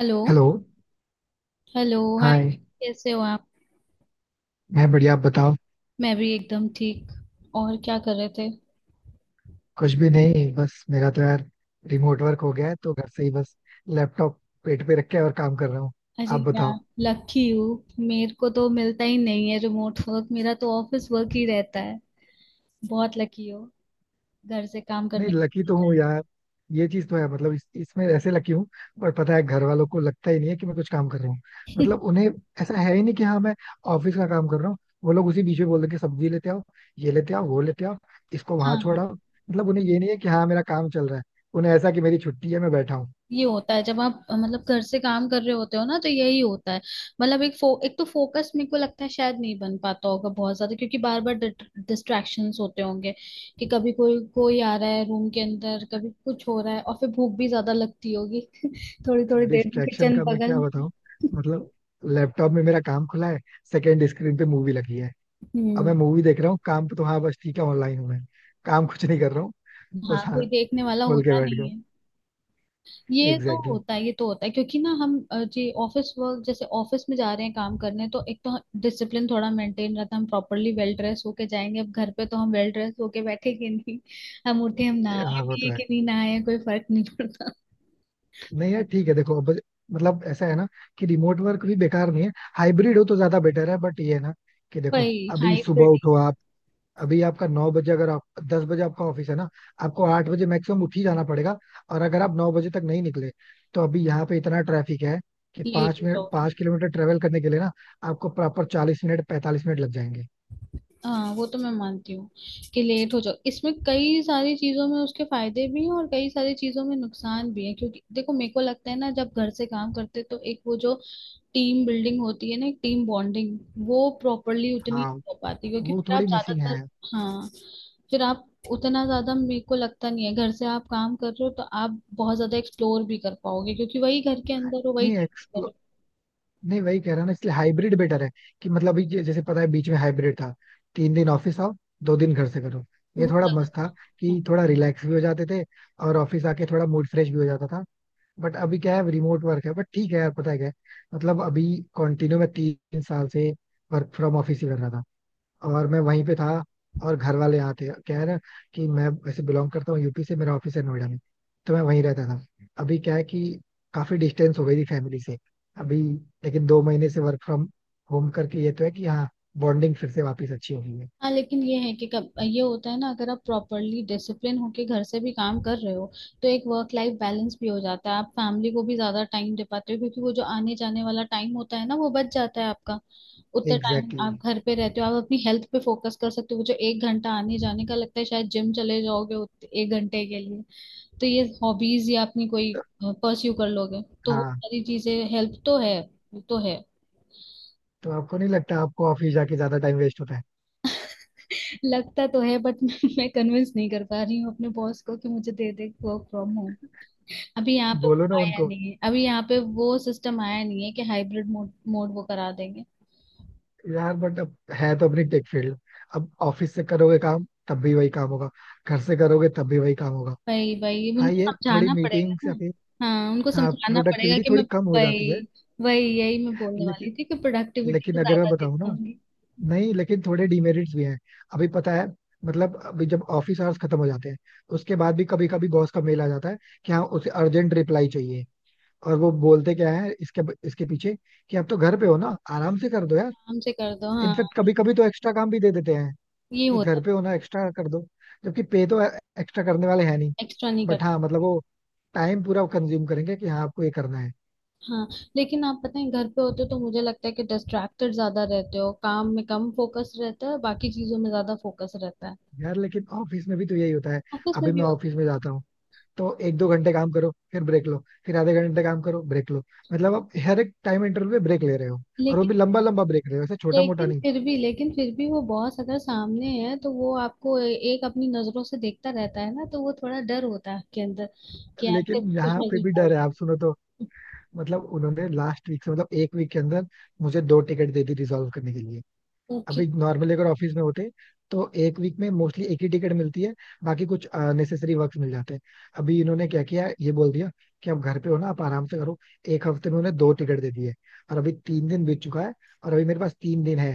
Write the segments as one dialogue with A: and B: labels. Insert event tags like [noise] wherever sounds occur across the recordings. A: Hello.
B: Hello,
A: hello, hi.
B: Hi.
A: कैसे हो आप?
B: मैं बढ़िया, आप बताओ.
A: मैं भी एकदम ठीक। और क्या कर रहे थे?
B: कुछ भी नहीं, बस मेरा तो यार रिमोट वर्क हो गया है तो घर से ही बस लैपटॉप पेट पे रख के और काम कर रहा हूँ.
A: अरे
B: आप बताओ.
A: यार, लकी हूँ, मेरे को तो मिलता ही नहीं है रिमोट वर्क, मेरा तो ऑफिस वर्क ही रहता है। बहुत लकी हो घर से काम
B: नहीं
A: करने।
B: लकी तो हूँ यार. ये चीज तो है, मतलब इसमें ऐसे लकी हूँ. पर पता है, घर वालों को लगता ही नहीं है कि मैं कुछ काम कर रहा हूँ. मतलब
A: [laughs]
B: उन्हें ऐसा है ही नहीं कि हाँ मैं ऑफिस का काम कर रहा हूँ. वो लोग उसी बीच में बोल देंगे, सब्जी लेते आओ, ये लेते आओ, वो लेते आओ, इसको वहां
A: हाँ,
B: छोड़ाओ. मतलब उन्हें ये नहीं है कि हाँ मेरा काम चल रहा है. उन्हें ऐसा कि मेरी छुट्टी है, मैं बैठा हूँ.
A: ये होता है जब आप मतलब घर से काम कर रहे होते हो ना तो यही होता है। मतलब एक तो फोकस मेरे को लगता है शायद नहीं बन पाता होगा बहुत ज्यादा, क्योंकि बार बार डिस्ट्रैक्शंस होते होंगे कि कभी कोई कोई आ रहा है रूम के अंदर, कभी कुछ हो रहा है, और फिर भूख भी ज्यादा लगती होगी। [laughs] थोड़ी थोड़ी देर में
B: डिस्ट्रैक्शन
A: किचन
B: का मैं क्या
A: बगल। [laughs]
B: बताऊं. मतलब लैपटॉप में मेरा काम खुला है, सेकेंड स्क्रीन पे मूवी लगी है. अब
A: हम्म।
B: मैं मूवी देख रहा हूँ, काम पे तो हाँ बस ठीक है, ऑनलाइन हूँ मैं, काम कुछ नहीं कर रहा हूँ. बस
A: हाँ,
B: हाँ,
A: कोई देखने वाला
B: खोल के
A: होता
B: बैठ
A: नहीं
B: गया.
A: है। ये तो
B: एग्जैक्टली
A: होता है, ये तो होता है, क्योंकि ना हम जी ऑफिस वर्क, जैसे ऑफिस में जा रहे हैं काम करने, तो एक तो डिसिप्लिन थोड़ा मेंटेन रहता है, हम प्रॉपरली वेल ड्रेस होके जाएंगे। अब घर पे तो हम वेल ड्रेस होके बैठेंगे नहीं, हम उठे, हम
B: exactly.
A: नहाए
B: हाँ वो
A: भी
B: तो
A: है
B: है.
A: कि नहीं नहाए, कोई फर्क नहीं पड़ता।
B: नहीं यार ठीक है, देखो अब, मतलब ऐसा है ना कि रिमोट वर्क भी बेकार नहीं है. हाइब्रिड हो तो ज्यादा बेटर है, बट ये है ना कि देखो,
A: भाई
B: अभी सुबह
A: हाइब्रिड।
B: उठो आप. अभी आपका 9 बजे अगर आप, 10 बजे आपका ऑफिस है ना, आपको 8 बजे मैक्सिमम उठ ही जाना पड़ेगा. और अगर आप 9 बजे तक नहीं निकले तो अभी यहाँ पे इतना ट्रैफिक है कि
A: लेट
B: पाँच
A: हो
B: मिनट
A: जाओगे।
B: 5 किलोमीटर ट्रेवल करने के लिए ना, आपको प्रॉपर 40 मिनट 45 मिनट लग जाएंगे.
A: हाँ, वो तो मैं मानती हूँ कि लेट हो जाओ। इसमें कई सारी चीजों में उसके फायदे भी हैं और कई सारी चीजों में नुकसान भी है, क्योंकि देखो, मेरे को लगता है ना, जब घर से काम करते तो एक वो जो टीम बिल्डिंग होती है ना, एक टीम बॉन्डिंग, वो प्रॉपरली उतनी नहीं
B: हाँ
A: हो पाती, क्योंकि
B: वो
A: फिर आप
B: थोड़ी मिसिंग
A: ज्यादातर।
B: है.
A: हाँ। फिर आप उतना ज्यादा मेरे को लगता नहीं है घर से आप काम कर रहे हो तो आप बहुत ज्यादा एक्सप्लोर भी कर पाओगे, क्योंकि वही घर के अंदर हो, वही
B: नहीं
A: चीज कर
B: एक्सप्लो
A: रहे
B: नहीं, वही कह रहा ना, इसलिए हाइब्रिड बेटर है. कि मतलब अभी जैसे पता है, बीच में हाइब्रिड था. 3 दिन ऑफिस आओ, 2 दिन घर से करो.
A: हो।
B: ये
A: वो
B: थोड़ा मस्त
A: ज्यादा-।
B: था
A: हाँ।
B: कि थोड़ा रिलैक्स भी हो जाते थे और ऑफिस आके थोड़ा मूड फ्रेश भी हो जाता था. बट अभी क्या है, रिमोट वर्क है, बट ठीक है यार, पता है क्या है, मतलब अभी कंटिन्यू मैं 3 साल से वर्क फ्रॉम ऑफिस ही कर रहा था और मैं वहीं पे था और घर वाले यहाँ थे. क्या है ना कि मैं वैसे बिलोंग करता हूँ यूपी से, मेरा ऑफिस है नोएडा में, तो मैं वहीं रहता था. अभी क्या है कि काफी डिस्टेंस हो गई थी फैमिली से. अभी लेकिन 2 महीने से वर्क फ्रॉम होम करके ये तो है कि हाँ बॉन्डिंग फिर से वापस अच्छी हो गई है.
A: हाँ, लेकिन ये है कि कब ये होता है ना, अगर आप प्रॉपरली डिसिप्लिन होके घर से भी काम कर रहे हो तो एक वर्क लाइफ बैलेंस भी हो जाता है। आप फैमिली को भी ज्यादा टाइम दे पाते हो, क्योंकि वो जो आने जाने वाला टाइम होता है ना, वो बच जाता है आपका। उतना टाइम
B: एग्जैक्टली
A: आप
B: exactly.
A: घर पे रहते हो, आप अपनी हेल्थ पे फोकस कर सकते हो। वो जो 1 घंटा आने जाने का लगता है, शायद जिम चले जाओगे 1 घंटे के लिए। तो ये हॉबीज या अपनी कोई
B: तो,
A: परस्यू कर लोगे, तो वो
B: हाँ,
A: सारी चीजें हेल्प तो है। वो तो है।
B: तो आपको नहीं लगता आपको ऑफिस जाके ज्यादा टाइम वेस्ट होता है?
A: लगता तो है बट [laughs] मैं कन्विंस नहीं कर पा रही हूँ अपने बॉस को कि मुझे दे दे वर्क फ्रॉम होम। अभी यहाँ पे
B: बोलो ना
A: आया
B: उनको.
A: नहीं है, अभी यहाँ पे वो सिस्टम आया नहीं है कि हाइब्रिड मोड मोड वो करा देंगे।
B: यार बट अब, है तो अपनी टेक फील्ड. अब ऑफिस से करोगे काम तब भी वही काम होगा, घर से करोगे तब भी वही काम होगा.
A: भाई भाई,
B: हाँ,
A: उनको
B: ये थोड़ी
A: समझाना पड़ेगा
B: मीटिंग्स या
A: ना।
B: फिर,
A: हाँ, उनको
B: हाँ,
A: समझाना पड़ेगा
B: प्रोडक्टिविटी
A: कि मैं।
B: थोड़ी कम हो जाती है.
A: भाई। वही, यही मैं बोलने
B: लेकिन
A: वाली थी कि प्रोडक्टिविटी
B: लेकिन
A: पे
B: अगर मैं
A: ज्यादा
B: बताऊँ ना,
A: देखूंगी।
B: नहीं लेकिन थोड़े डिमेरिट्स भी हैं. अभी पता है, मतलब अभी जब ऑफिस आवर्स खत्म हो जाते हैं, उसके बाद भी कभी कभी बॉस का मेल आ जाता है कि हाँ उसे अर्जेंट रिप्लाई चाहिए. और वो बोलते क्या है इसके इसके पीछे कि आप तो घर पे हो ना, आराम से कर दो यार.
A: काम से कर दो, हाँ।
B: इनफेक्ट कभी कभी तो एक्स्ट्रा काम भी दे देते हैं
A: ये
B: कि
A: होता
B: घर पे होना, एक्स्ट्रा कर दो. जबकि पे तो एक्स्ट्रा करने वाले हैं नहीं.
A: है। एक्स्ट्रा नहीं
B: बट
A: करते।
B: हाँ, मतलब वो टाइम पूरा कंज्यूम करेंगे कि हाँ आपको ये करना है.
A: हाँ, लेकिन आप पता है घर पे होते हो तो मुझे लगता है कि डिस्ट्रैक्टेड ज्यादा रहते हो, काम में कम फोकस रहता है, बाकी चीजों में ज्यादा फोकस रहता है।
B: यार लेकिन ऑफिस में भी तो यही होता है.
A: ऑफिस में
B: अभी
A: भी
B: मैं ऑफिस
A: होता
B: में जाता हूँ तो एक दो घंटे काम करो फिर ब्रेक लो, फिर आधे घंटे काम करो, ब्रेक लो. मतलब आप हर एक टाइम इंटरवल पे ब्रेक ले रहे हो,
A: है।
B: और वो भी
A: लेकिन,
B: लंबा लंबा ब्रेक ले रहे हो, ऐसे छोटा मोटा
A: लेकिन
B: नहीं.
A: फिर भी, लेकिन फिर भी वो बॉस अगर सामने है तो वो आपको एक अपनी नजरों से देखता रहता है ना, तो वो थोड़ा डर होता है आपके अंदर कि यार फिर
B: लेकिन
A: कुछ
B: यहाँ
A: ना
B: पे
A: कुछ
B: भी डर
A: बोल।
B: है, आप सुनो तो. मतलब उन्होंने लास्ट वीक से, मतलब एक वीक के अंदर मुझे दो टिकट दे दी रिजॉल्व करने के लिए.
A: ओके।
B: अभी नॉर्मली अगर ऑफिस में होते तो एक वीक में मोस्टली एक ही टिकट मिलती है, बाकी कुछ नेसेसरी वर्क मिल जाते हैं. अभी इन्होंने क्या किया, ये बोल दिया कि आप घर पे हो ना, आप आराम से करो, एक हफ्ते में उन्हें दो टिकट दे दिए. और अभी तीन दिन बीत चुका है और अभी मेरे पास तीन दिन है,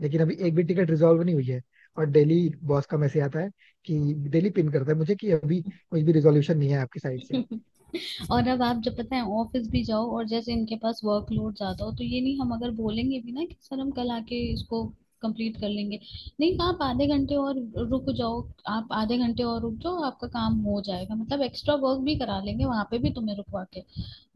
B: लेकिन अभी एक भी टिकट रिजॉल्व नहीं हुई है. और डेली बॉस का मैसेज आता है, कि डेली पिन करता है मुझे कि अभी कोई भी रिजोल्यूशन नहीं है आपकी साइड से.
A: [laughs] और अब आप जब पता है ऑफिस भी जाओ और जैसे इनके पास वर्कलोड ज्यादा हो तो ये नहीं, हम अगर बोलेंगे भी ना कि सर हम कल आके इसको कंप्लीट कर लेंगे, नहीं आप आधे घंटे और रुक जाओ, आप आधे घंटे और रुक जाओ, आपका काम हो जाएगा, मतलब एक्स्ट्रा वर्क भी करा लेंगे वहां पे भी तुम्हें रुकवा के।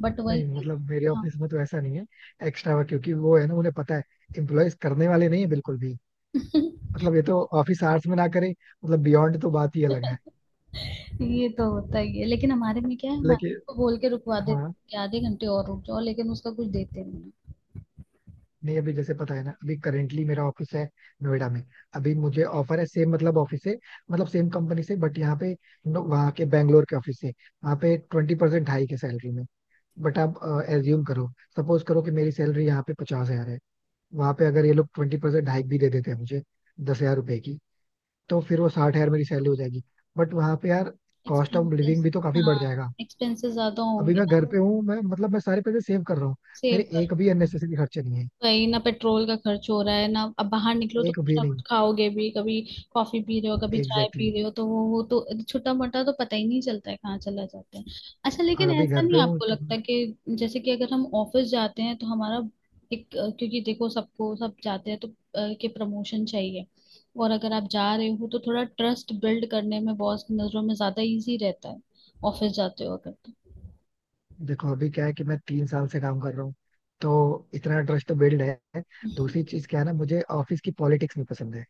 A: बट
B: नहीं,
A: वही।
B: मतलब मेरे
A: हाँ।
B: ऑफिस में तो ऐसा नहीं है. एक्स्ट्रा वर्क, क्योंकि वो है ना, उन्हें पता है एम्प्लॉयज करने वाले नहीं है बिल्कुल भी.
A: [laughs]
B: मतलब ये तो ऑफिस आवर्स में ना करें, मतलब बियॉन्ड तो बात ही अलग है.
A: ये तो होता ही है, लेकिन हमारे में क्या है, हमारे
B: लेकिन
A: को बोल के रुकवा देते
B: हाँ.
A: हैं कि आधे घंटे और रुक जाओ, लेकिन उसका कुछ देते नहीं।
B: नहीं, अभी जैसे पता है ना, अभी करेंटली मेरा ऑफिस है नोएडा में. अभी मुझे ऑफर है, सेम मतलब ऑफिस से, मतलब सेम कंपनी से, बट यहाँ पे, वहाँ के बैंगलोर के ऑफिस से. वहाँ पे 20% हाई के सैलरी में. बट आप एज्यूम करो, सपोज करो कि मेरी सैलरी यहाँ पे 50,000 है. वहाँ पे अगर ये लोग 20% हाइक भी दे देते हैं मुझे, ₹10,000 की, तो फिर वो 60,000 मेरी सैलरी हो जाएगी. बट वहाँ पे यार कॉस्ट ऑफ
A: एक्सपेंसेस।
B: लिविंग भी तो काफी
A: हाँ,
B: बढ़ जाएगा.
A: एक्सपेंसेस ज्यादा
B: अभी
A: होंगे
B: मैं
A: ना।
B: घर पे हूँ, मैं मतलब मैं सारे पैसे सेव कर रहा हूँ.
A: सेव।
B: मेरे एक भी अननेसेसरी खर्चे नहीं है,
A: वही ना, पेट्रोल का खर्च हो रहा है ना, अब बाहर निकलो तो
B: एक
A: कुछ
B: भी
A: ना
B: नहीं.
A: कुछ खाओगे भी, कभी कॉफी पी रहे हो, कभी चाय
B: एग्जैक्टली exactly.
A: पी रहे हो, तो वो तो छोटा मोटा तो पता ही नहीं चलता है कहाँ चला जाता है। अच्छा,
B: और
A: लेकिन
B: अभी
A: ऐसा
B: घर पे
A: नहीं
B: हूँ
A: आपको
B: तो
A: लगता कि जैसे कि अगर हम ऑफिस जाते हैं तो हमारा एक क्योंकि देखो सबको सब जाते हैं तो के प्रमोशन चाहिए, और अगर आप जा रहे हो तो थोड़ा ट्रस्ट बिल्ड करने में बॉस की नजरों में ज्यादा इजी रहता है, ऑफिस जाते हो अगर तो।
B: देखो अभी क्या है कि मैं 3 साल से काम कर रहा हूँ तो इतना ट्रस्ट तो बिल्ड है. दूसरी चीज क्या है ना, मुझे ऑफिस की पॉलिटिक्स नहीं पसंद है.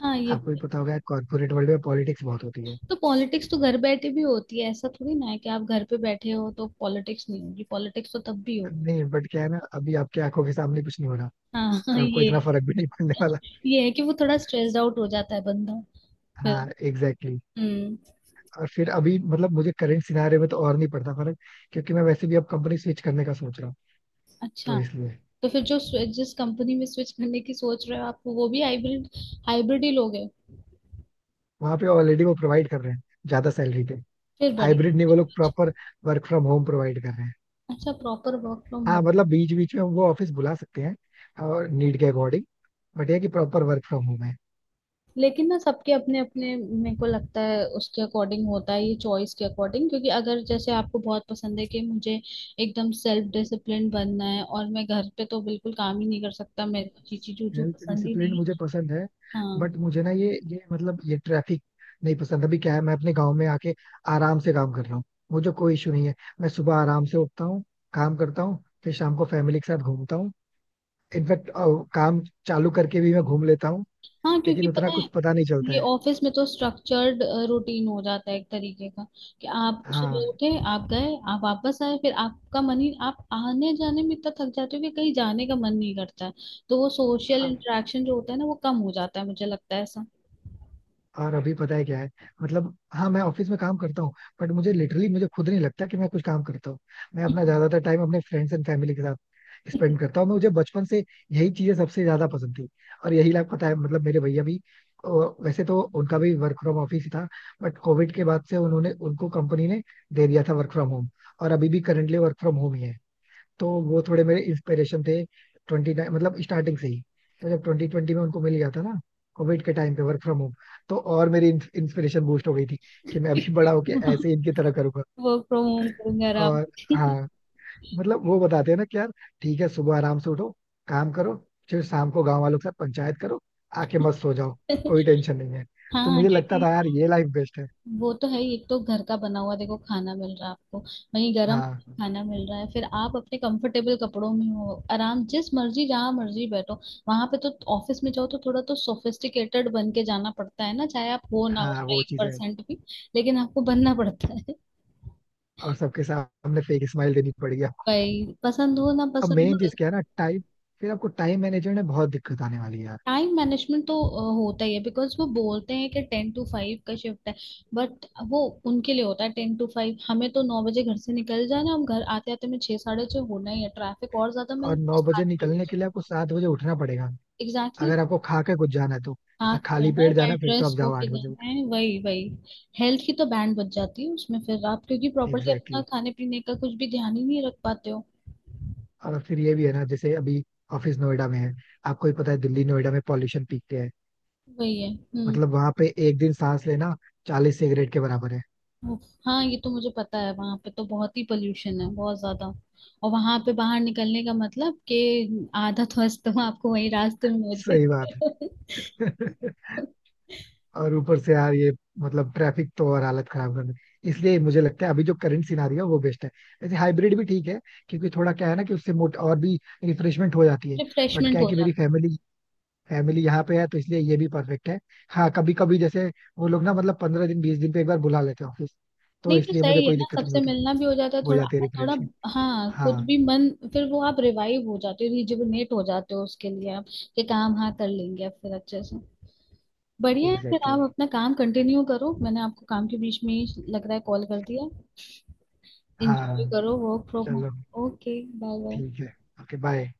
A: हाँ, ये
B: आपको भी पता होगा, कॉर्पोरेट वर्ल्ड में पॉलिटिक्स बहुत होती है.
A: तो। पॉलिटिक्स तो घर बैठे भी होती है, ऐसा थोड़ी ना है कि आप घर पे बैठे हो तो पॉलिटिक्स नहीं होगी, पॉलिटिक्स तो तब भी होगी।
B: नहीं, बट क्या है ना, अभी आपकी आंखों के सामने कुछ नहीं हो रहा
A: हाँ। [laughs]
B: और
A: हाँ,
B: आपको
A: ये।
B: इतना फर्क भी नहीं पड़ने वाला.
A: ये है कि वो थोड़ा स्ट्रेस्ड आउट हो जाता है बंदा।
B: हाँ
A: फिर।
B: Exactly exactly.
A: हम्म।
B: और फिर अभी मतलब मुझे करंट सिनारियो में तो और नहीं पड़ता फर्क. क्योंकि मैं वैसे भी अब कंपनी स्विच करने का सोच रहा हूँ,
A: अच्छा।
B: तो इसलिए.
A: तो फिर जो जिस कंपनी में स्विच करने की सोच रहे हो आप, वो भी हाइब्रिड, हाइब्रिड ही लोगे।
B: वहां पे ऑलरेडी वो प्रोवाइड कर रहे हैं, ज्यादा सैलरी पे.
A: फिर
B: हाइब्रिड नहीं,
A: बढ़िया।
B: वो लोग प्रॉपर
A: अच्छा।
B: वर्क फ्रॉम होम प्रोवाइड कर रहे हैं.
A: अच्छा, प्रॉपर वर्क फ्रॉम
B: हाँ,
A: होम।
B: मतलब बीच बीच में हम वो ऑफिस बुला सकते हैं और नीड के अकॉर्डिंग, बट ये कि प्रॉपर वर्क फ्रॉम होम है.
A: लेकिन ना, सबके अपने अपने, मेरे को लगता है उसके अकॉर्डिंग होता है ये, चॉइस के अकॉर्डिंग, क्योंकि अगर जैसे आपको बहुत पसंद है कि मुझे एकदम सेल्फ डिसिप्लिन बनना है और मैं घर पे तो बिल्कुल काम ही नहीं कर सकता, मेरे को चीची चूचू
B: हेल्थ
A: पसंद ही
B: डिसिप्लिन
A: नहीं
B: मुझे
A: है।
B: पसंद है,
A: हाँ।
B: बट मुझे ना ये मतलब ये ट्रैफिक नहीं पसंद. अभी क्या है, मैं अपने गांव में आके आराम से काम कर रहा हूँ, मुझे कोई इशू नहीं है. मैं सुबह आराम से उठता हूँ, काम करता हूँ, फिर शाम को फैमिली के साथ घूमता हूँ. इनफैक्ट काम चालू करके भी मैं घूम लेता हूँ,
A: हाँ, क्योंकि
B: लेकिन उतना
A: पता है,
B: कुछ पता नहीं चलता
A: ये
B: है.
A: ऑफिस में तो स्ट्रक्चर्ड रूटीन हो जाता है एक तरीके का, कि आप सुबह
B: हाँ.
A: उठे, आप गए, आप वापस आए, फिर आपका मन ही, आप आने जाने में इतना थक जाते हो कि कहीं जाने का मन नहीं करता है। तो वो सोशल
B: अब-
A: इंटरेक्शन जो होता है ना, वो कम हो जाता है, मुझे लगता है ऐसा।
B: और अभी पता है क्या है, मतलब हाँ मैं ऑफिस में काम करता हूँ, बट मुझे लिटरली मुझे खुद नहीं लगता कि मैं कुछ काम करता हूँ. मैं अपना ज्यादातर टाइम अपने फ्रेंड्स एंड फैमिली के साथ स्पेंड
A: [laughs]
B: करता हूँ. मुझे बचपन से यही चीजें सबसे ज्यादा पसंद थी. और यही लाइफ, पता है, मतलब मेरे भैया भी अ, वैसे तो उनका भी वर्क फ्रॉम ऑफिस ही था, बट कोविड के बाद से उन्होंने, उनको कंपनी ने दे दिया था वर्क फ्रॉम होम. और अभी भी करंटली वर्क फ्रॉम होम ही है. तो वो थोड़े मेरे इंस्पिरेशन थे ट्वेंटी, मतलब स्टार्टिंग से ही. तो जब 2020 में उनको मिल गया था ना कोविड के टाइम पे वर्क फ्रॉम होम, तो और मेरी इंस्पिरेशन बूस्ट हो गई थी कि मैं अभी बड़ा होके ऐसे ही इनकी तरह करूंगा.
A: वर्क फ्रॉम होम करूंगा आराम
B: और
A: से।
B: हाँ, मतलब वो बताते हैं ना कि यार ठीक है, सुबह आराम से उठो, काम करो, फिर शाम को गांव वालों के साथ पंचायत करो, आके मस्त सो जाओ, कोई टेंशन नहीं है.
A: [laughs]
B: तो
A: हाँ,
B: मुझे लगता
A: क्योंकि
B: था यार ये लाइफ बेस्ट है.
A: वो तो है ही, एक तो घर का बना हुआ देखो खाना मिल रहा है आपको, वहीं गर्म
B: हाँ,
A: खाना मिल रहा है, फिर आप अपने कंफर्टेबल कपड़ों में हो, आराम, जिस मर्जी जहाँ मर्जी बैठो। वहां पे तो। ऑफिस में जाओ तो थोड़ा तो सोफिस्टिकेटेड बन के जाना पड़ता है ना, चाहे आप हो ना
B: हाँ
A: उसमें
B: वो
A: एक
B: चीज है.
A: परसेंट भी, लेकिन आपको बनना पड़ता है।
B: और सबके सामने फेक स्माइल देनी पड़ गया.
A: [laughs] भाई, पसंद हो ना
B: अब
A: पसंद
B: मेन चीज
A: हो।
B: क्या है ना, टाइम. फिर आपको टाइम मैनेजमेंट में बहुत दिक्कत आने वाली है यार.
A: टाइम मैनेजमेंट तो होता ही है, बिकॉज वो बोलते हैं कि 10 to 5 का शिफ्ट है, बट वो उनके लिए होता है 10 to 5, हमें तो 9 बजे घर से निकल जाना, हम घर आते आते में 6, 6:30 होना ही है, ट्रैफिक और ज्यादा मिल
B: और
A: जाए
B: 9 बजे
A: 7 भी हो
B: निकलने के लिए
A: जाए।
B: आपको 7 बजे उठना पड़ेगा.
A: एग्जैक्टली।
B: अगर आपको खा के कुछ जाना है तो.
A: थक
B: खाली
A: जाना है,
B: पेट जाना
A: वेल
B: है, फिर तो आप
A: ड्रेस
B: जाओ
A: होके
B: 8 बजे.
A: जाना है, वही वही, हेल्थ की तो बैंड बज जाती है उसमें, फिर आप, क्योंकि प्रॉपरली
B: एग्जैक्टली
A: अपना
B: exactly.
A: खाने पीने का कुछ भी ध्यान ही नहीं रख पाते हो।
B: और फिर ये भी है ना, जैसे अभी ऑफिस नोएडा में है. आपको ही पता है, दिल्ली नोएडा में पॉल्यूशन पीक पे है.
A: वही है,
B: मतलब वहां पे एक दिन सांस लेना 40 सिगरेट के बराबर है.
A: हाँ, ये तो मुझे पता है, वहां पे तो बहुत ही पोल्यूशन है, बहुत ज्यादा। और वहां पे बाहर निकलने का मतलब कि आधा ध्वस्त, तो अस्तमा आपको वही रास्ते में हो
B: सही बात
A: जाएगा।
B: है. [laughs] और ऊपर से यार, ये मतलब ट्रैफिक तो और हालत खराब कर दे. इसलिए मुझे लगता है अभी जो करंट सिनारियो है वो बेस्ट है. वैसे हाइब्रिड भी ठीक है, क्योंकि थोड़ा क्या है ना कि उससे मोट और भी रिफ्रेशमेंट हो जाती है. बट
A: रिफ्रेशमेंट
B: क्या है
A: हो
B: कि मेरी
A: जाता।
B: फैमिली फैमिली यहाँ पे है तो इसलिए ये भी परफेक्ट है. हाँ कभी कभी जैसे वो लोग ना मतलब 15 दिन 20 दिन पे एक बार बुला लेते हैं ऑफिस, तो
A: नहीं तो
B: इसलिए मुझे
A: सही है
B: कोई
A: ना,
B: दिक्कत नहीं
A: सबसे
B: होती.
A: मिलना भी हो जाता है
B: हो
A: थोड़ा।
B: जाती है
A: थोड़ा,
B: रिफ्रेशमेंट.
A: हाँ, खुद भी
B: हाँ
A: मन, फिर वो आप रिवाइव हो जाते हो, रिजुविनेट हो जाते हो उसके लिए आप, कि काम हाँ कर लेंगे अब फिर अच्छे से। बढ़िया है, फिर
B: एग्जैक्टली.
A: आप अपना काम कंटिन्यू करो, मैंने आपको काम के बीच में ही लग रहा है कॉल कर दिया। इंजॉय
B: हाँ
A: करो वर्क फ्रॉम
B: चलो.
A: होम। Okay, bye bye.
B: ठीक है. Okay bye.